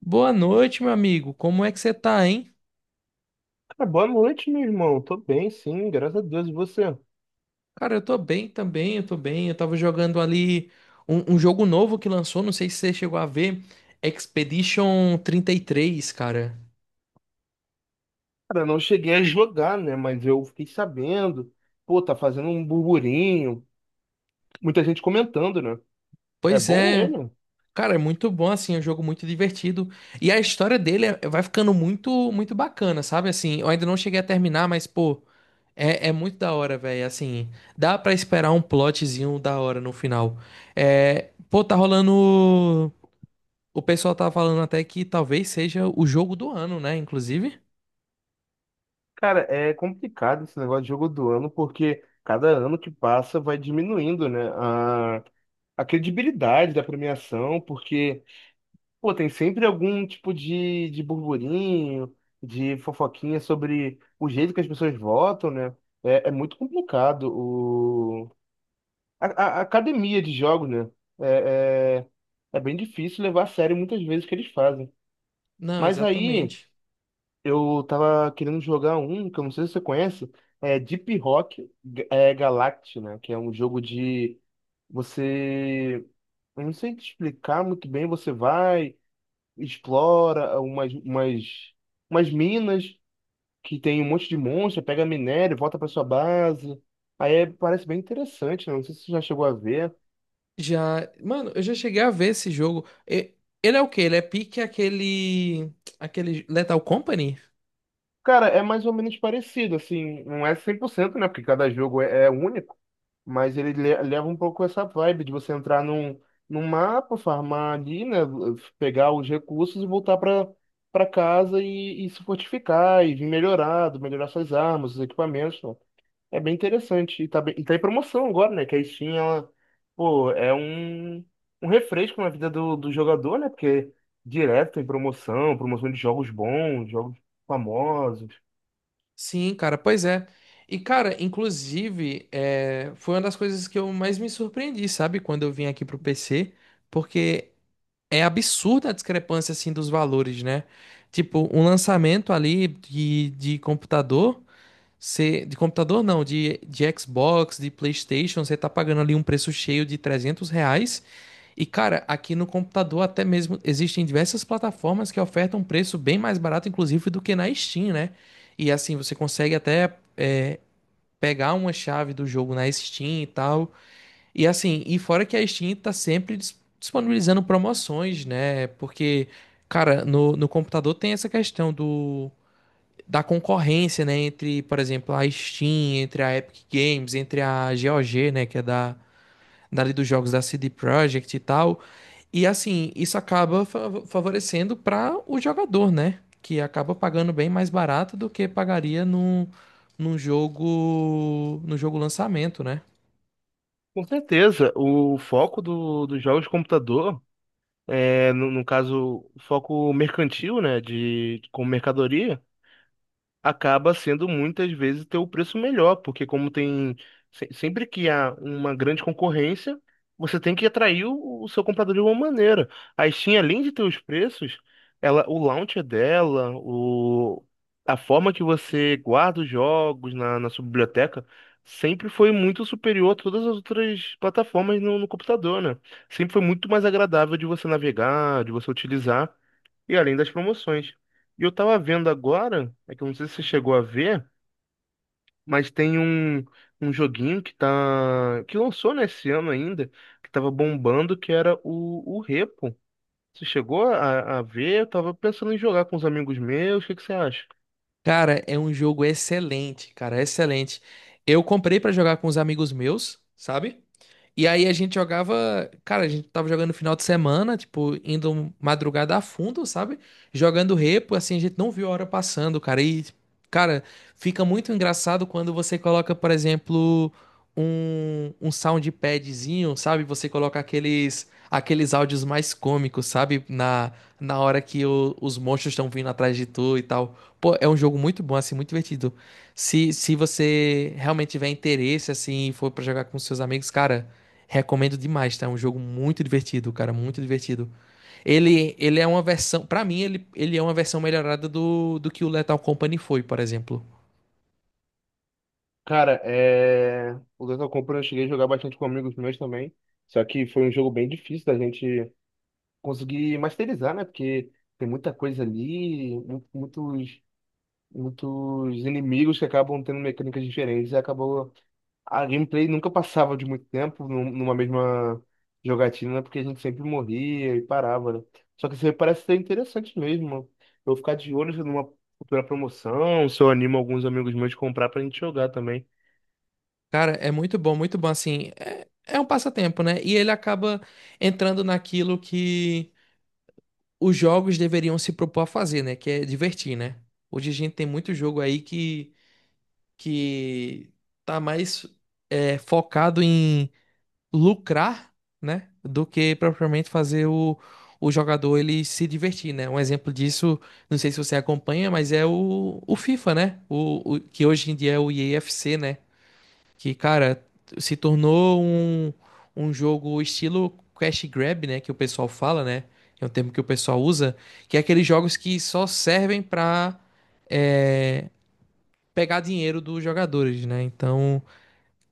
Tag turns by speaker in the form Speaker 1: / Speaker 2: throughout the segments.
Speaker 1: Boa noite, meu amigo. Como é que você tá, hein?
Speaker 2: Ah, boa noite, meu irmão. Tô bem, sim, graças a Deus. E você?
Speaker 1: Cara, eu tô bem também, eu tô bem. Eu tava jogando ali um jogo novo que lançou, não sei se você chegou a ver, Expedition trinta e três, cara.
Speaker 2: Cara, não cheguei a jogar, né? Mas eu fiquei sabendo. Pô, tá fazendo um burburinho. Muita gente comentando, né? É
Speaker 1: Pois
Speaker 2: bom
Speaker 1: é,
Speaker 2: ele.
Speaker 1: cara, é muito bom, assim, é um jogo muito divertido. E a história dele vai ficando muito, muito bacana, sabe? Assim, eu ainda não cheguei a terminar, mas, pô, é muito da hora, velho. Assim, dá pra esperar um plotzinho da hora no final. É, pô, tá rolando. O pessoal tá falando até que talvez seja o jogo do ano, né? Inclusive.
Speaker 2: Cara, é complicado esse negócio de jogo do ano, porque cada ano que passa vai diminuindo, né? A credibilidade da premiação, porque, pô, tem sempre algum tipo de burburinho, de fofoquinha sobre o jeito que as pessoas votam, né? É muito complicado. A academia de jogos, né? É, é, é bem difícil levar a sério muitas vezes o que eles fazem.
Speaker 1: Não,
Speaker 2: Mas aí
Speaker 1: exatamente.
Speaker 2: eu tava querendo jogar um, que eu não sei se você conhece, é Deep Rock, é, Galactic, né? Que é um jogo de você. Eu não sei te explicar muito bem, você vai, explora umas minas que tem um monte de monstro, pega minério, volta pra sua base. Aí é- parece bem interessante, né? Não sei se você já chegou a ver.
Speaker 1: Já, mano, eu já cheguei a ver esse jogo. Ele é o quê? Ele é pique aquele Lethal Company?
Speaker 2: Cara, é mais ou menos parecido, assim, não é cem por cento, né? Porque cada jogo é único, mas ele leva um pouco essa vibe de você entrar num mapa, farmar ali, né? Pegar os recursos e voltar para casa e se fortificar e vir melhorado, melhorar suas armas, os equipamentos. Pô, é bem interessante. E tá, e tá em promoção agora, né? Que a Steam, ela, pô, é um refresco na vida do jogador, né? Porque direto tem promoção, promoção de jogos bons, jogos famosos.
Speaker 1: Sim, cara, pois é. E cara, inclusive, foi uma das coisas que eu mais me surpreendi, sabe, quando eu vim aqui pro PC, porque é absurda a discrepância assim dos valores, né? Tipo, um lançamento ali de computador. Você, de computador não, de Xbox, de PlayStation, você tá pagando ali um preço cheio de R$ 300. E cara, aqui no computador até mesmo existem diversas plataformas que ofertam um preço bem mais barato, inclusive, do que na Steam, né? E assim, você consegue até pegar uma chave do jogo na Steam e tal. E assim, e fora que a Steam tá sempre disponibilizando promoções, né? Porque, cara, no computador tem essa questão do da concorrência, né, entre, por exemplo, a Steam, entre a Epic Games, entre a GOG, né, que é da dali dos jogos da CD Projekt e tal. E assim, isso acaba favorecendo para o jogador, né, que acaba pagando bem mais barato do que pagaria num, num jogo no jogo lançamento, né?
Speaker 2: Com certeza, o foco dos jogos de computador, é, no caso, foco mercantil, né, de, como mercadoria, acaba sendo muitas vezes ter o preço melhor, porque como tem sempre que há uma grande concorrência, você tem que atrair o seu comprador de alguma maneira. A Steam, além de ter os preços, ela, o launcher dela, o, a forma que você guarda os jogos na sua biblioteca, sempre foi muito superior a todas as outras plataformas no computador, né? Sempre foi muito mais agradável de você navegar, de você utilizar. E além das promoções. E eu tava vendo agora, é que eu não sei se você chegou a ver, mas tem um, um joguinho que tá, que lançou nesse ano ainda, que tava bombando, que era o Repo. Você chegou a ver? Eu tava pensando em jogar com os amigos meus, o que que você acha?
Speaker 1: Cara, é um jogo excelente, cara, excelente. Eu comprei para jogar com os amigos meus, sabe? E aí a gente jogava, cara, a gente tava jogando no final de semana, tipo, indo madrugada a fundo, sabe? Jogando repo, assim, a gente não viu a hora passando, cara. E, cara, fica muito engraçado quando você coloca, por exemplo, um soundpadzinho, sabe? Você coloca aqueles áudios mais cômicos, sabe? Na, na hora que os monstros estão vindo atrás de tu e tal. Pô, é um jogo muito bom, assim, muito divertido. Se você realmente tiver interesse, assim, e for pra jogar com seus amigos, cara. Recomendo demais, tá? É um jogo muito divertido, cara, muito divertido. Ele é uma versão. Pra mim, ele é uma versão melhorada do que o Lethal Company foi, por exemplo.
Speaker 2: Cara, é... o Data Compra eu cheguei a jogar bastante com amigos meus também. Só que foi um jogo bem difícil da gente conseguir masterizar, né? Porque tem muita coisa ali, muitos muitos inimigos que acabam tendo mecânicas diferentes e acabou a gameplay nunca passava de muito tempo numa mesma jogatina, né, porque a gente sempre morria e parava, né? Só que isso aí parece ser interessante mesmo. Eu vou ficar de olho numa futura promoção, se eu animo alguns amigos meus de comprar pra gente jogar também.
Speaker 1: Cara, é muito bom, assim, é, é um passatempo, né? E ele acaba entrando naquilo que os jogos deveriam se propor a fazer, né? Que é divertir, né? Hoje a gente tem muito jogo aí que tá mais focado em lucrar, né, do que propriamente fazer o jogador ele se divertir, né? Um exemplo disso, não sei se você acompanha, mas é o FIFA, né? Que hoje em dia é o EAFC, né? Que, cara, se tornou um jogo estilo cash grab, né, que o pessoal fala, né? É um termo que o pessoal usa, que é aqueles jogos que só servem pra é, pegar dinheiro dos jogadores, né? Então,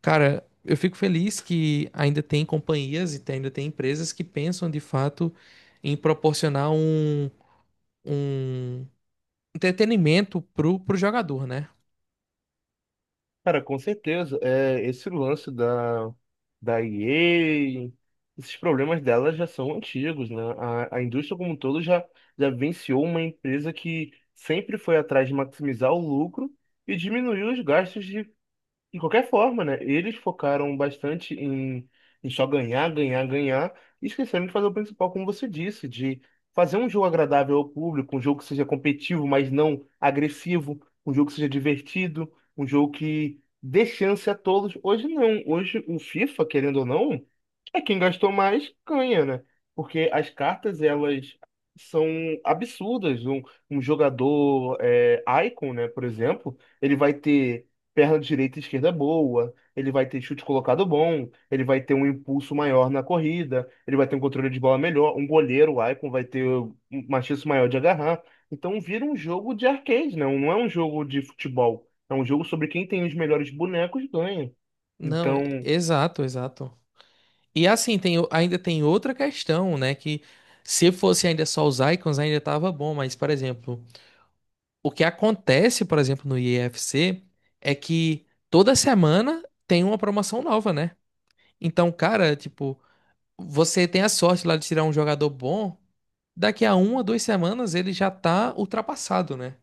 Speaker 1: cara, eu fico feliz que ainda tem companhias e ainda tem empresas que pensam de fato em proporcionar um entretenimento pro jogador, né?
Speaker 2: Cara, com certeza. É, esse lance da EA, esses problemas dela já são antigos, né? A indústria como um todo já venciou uma empresa que sempre foi atrás de maximizar o lucro e diminuiu os gastos de qualquer forma, né? Eles focaram bastante em só ganhar, ganhar, ganhar, e esqueceram de fazer o principal, como você disse, de fazer um jogo agradável ao público, um jogo que seja competitivo, mas não agressivo, um jogo que seja divertido, um jogo que dê chance a todos. Hoje não, hoje o FIFA, querendo ou não, é quem gastou mais ganha, né? Porque as cartas, elas são absurdas. Um jogador é, Icon, né, por exemplo, ele vai ter perna direita e esquerda é boa, ele vai ter chute colocado bom, ele vai ter um impulso maior na corrida, ele vai ter um controle de bola melhor, um goleiro, o Icon vai ter uma chance maior de agarrar. Então vira um jogo de arcade, não, não é um jogo de futebol. É um jogo sobre quem tem os melhores bonecos ganha.
Speaker 1: Não, e-
Speaker 2: Então,
Speaker 1: exato, exato. E assim, tem, ainda tem outra questão, né? Que se fosse ainda só os icons, ainda tava bom, mas, por exemplo, o que acontece, por exemplo, no IEFC é que toda semana tem uma promoção nova, né? Então, cara, tipo, você tem a sorte lá de tirar um jogador bom. Daqui a uma, duas semanas ele já tá ultrapassado, né?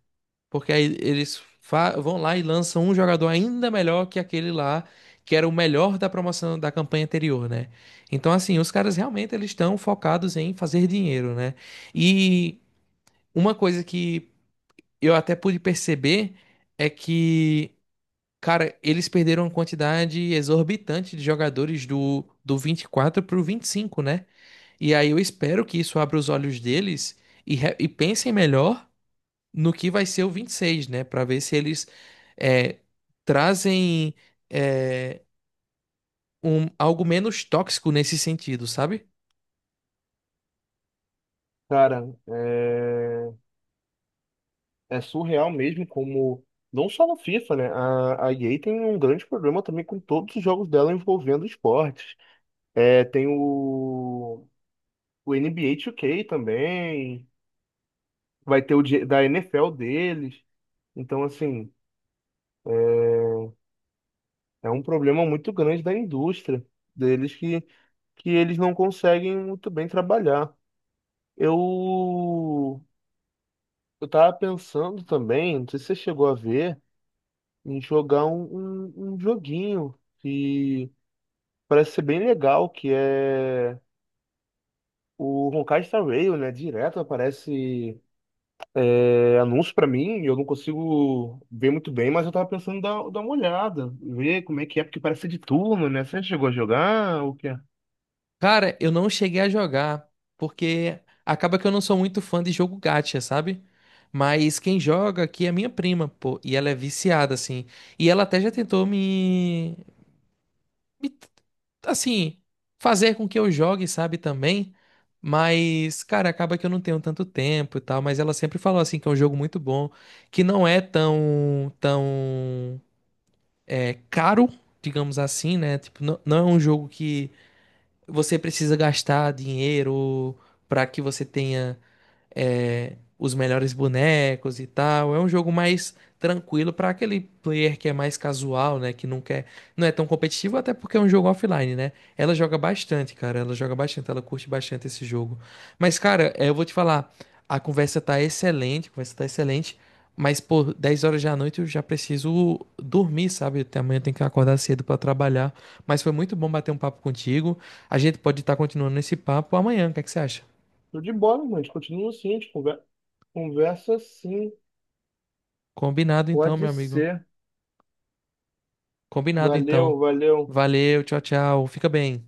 Speaker 1: Porque aí eles vão lá e lançam um jogador ainda melhor que aquele lá, que era o melhor da promoção da campanha anterior, né? Então, assim, os caras realmente eles estão focados em fazer dinheiro, né? E uma coisa que eu até pude perceber é que, cara, eles perderam uma quantidade exorbitante de jogadores do 24 pro 25, né? E aí eu espero que isso abra os olhos deles e, e pensem melhor no que vai ser o 26, né? Para ver se eles é, trazem é, algo menos tóxico nesse sentido, sabe?
Speaker 2: cara, é surreal mesmo como. Não só no FIFA, né? A EA tem um grande problema também com todos os jogos dela envolvendo esportes. É, tem o NBA 2K também, vai ter o da NFL deles. Então, assim, é um problema muito grande da indústria deles que eles não conseguem muito bem trabalhar. Eu, eu tava pensando também, não sei se você chegou a ver, em jogar um joguinho que parece ser bem legal, que é o Honkai Star Rail, né? Direto aparece É, anúncio pra mim, eu não consigo ver muito bem, mas eu tava pensando em dar uma olhada, ver como é que é, porque parece ser de turno, né? Você chegou a jogar? O que é?
Speaker 1: Cara, eu não cheguei a jogar porque acaba que eu não sou muito fã de jogo gacha, sabe? Mas quem joga aqui é minha prima, pô, e ela é viciada, assim. E ela até já tentou me- assim, fazer com que eu jogue, sabe, também. Mas, cara, acaba que eu não tenho tanto tempo e tal, mas ela sempre falou assim que é um jogo muito bom, que não é tão caro, digamos assim, né? Tipo, não é um jogo que você precisa gastar dinheiro pra que você tenha os melhores bonecos e tal. É um jogo mais tranquilo para aquele player que é mais casual, né? Que não quer, não é tão competitivo, até porque é um jogo offline, né? Ela joga bastante, cara. Ela joga bastante, ela curte bastante esse jogo. Mas, cara, eu vou te falar, a conversa tá excelente, a conversa tá excelente. Mas, pô, 10 horas da noite eu já preciso dormir, sabe? Até amanhã eu tenho que acordar cedo para trabalhar. Mas foi muito bom bater um papo contigo. A gente pode estar continuando esse papo amanhã. O que é que você acha?
Speaker 2: Tô de bola, mano. A gente continua assim, a gente conversa assim.
Speaker 1: Combinado então,
Speaker 2: Pode
Speaker 1: meu amigo.
Speaker 2: ser.
Speaker 1: Combinado
Speaker 2: Valeu,
Speaker 1: então.
Speaker 2: valeu.
Speaker 1: Valeu, tchau, tchau. Fica bem.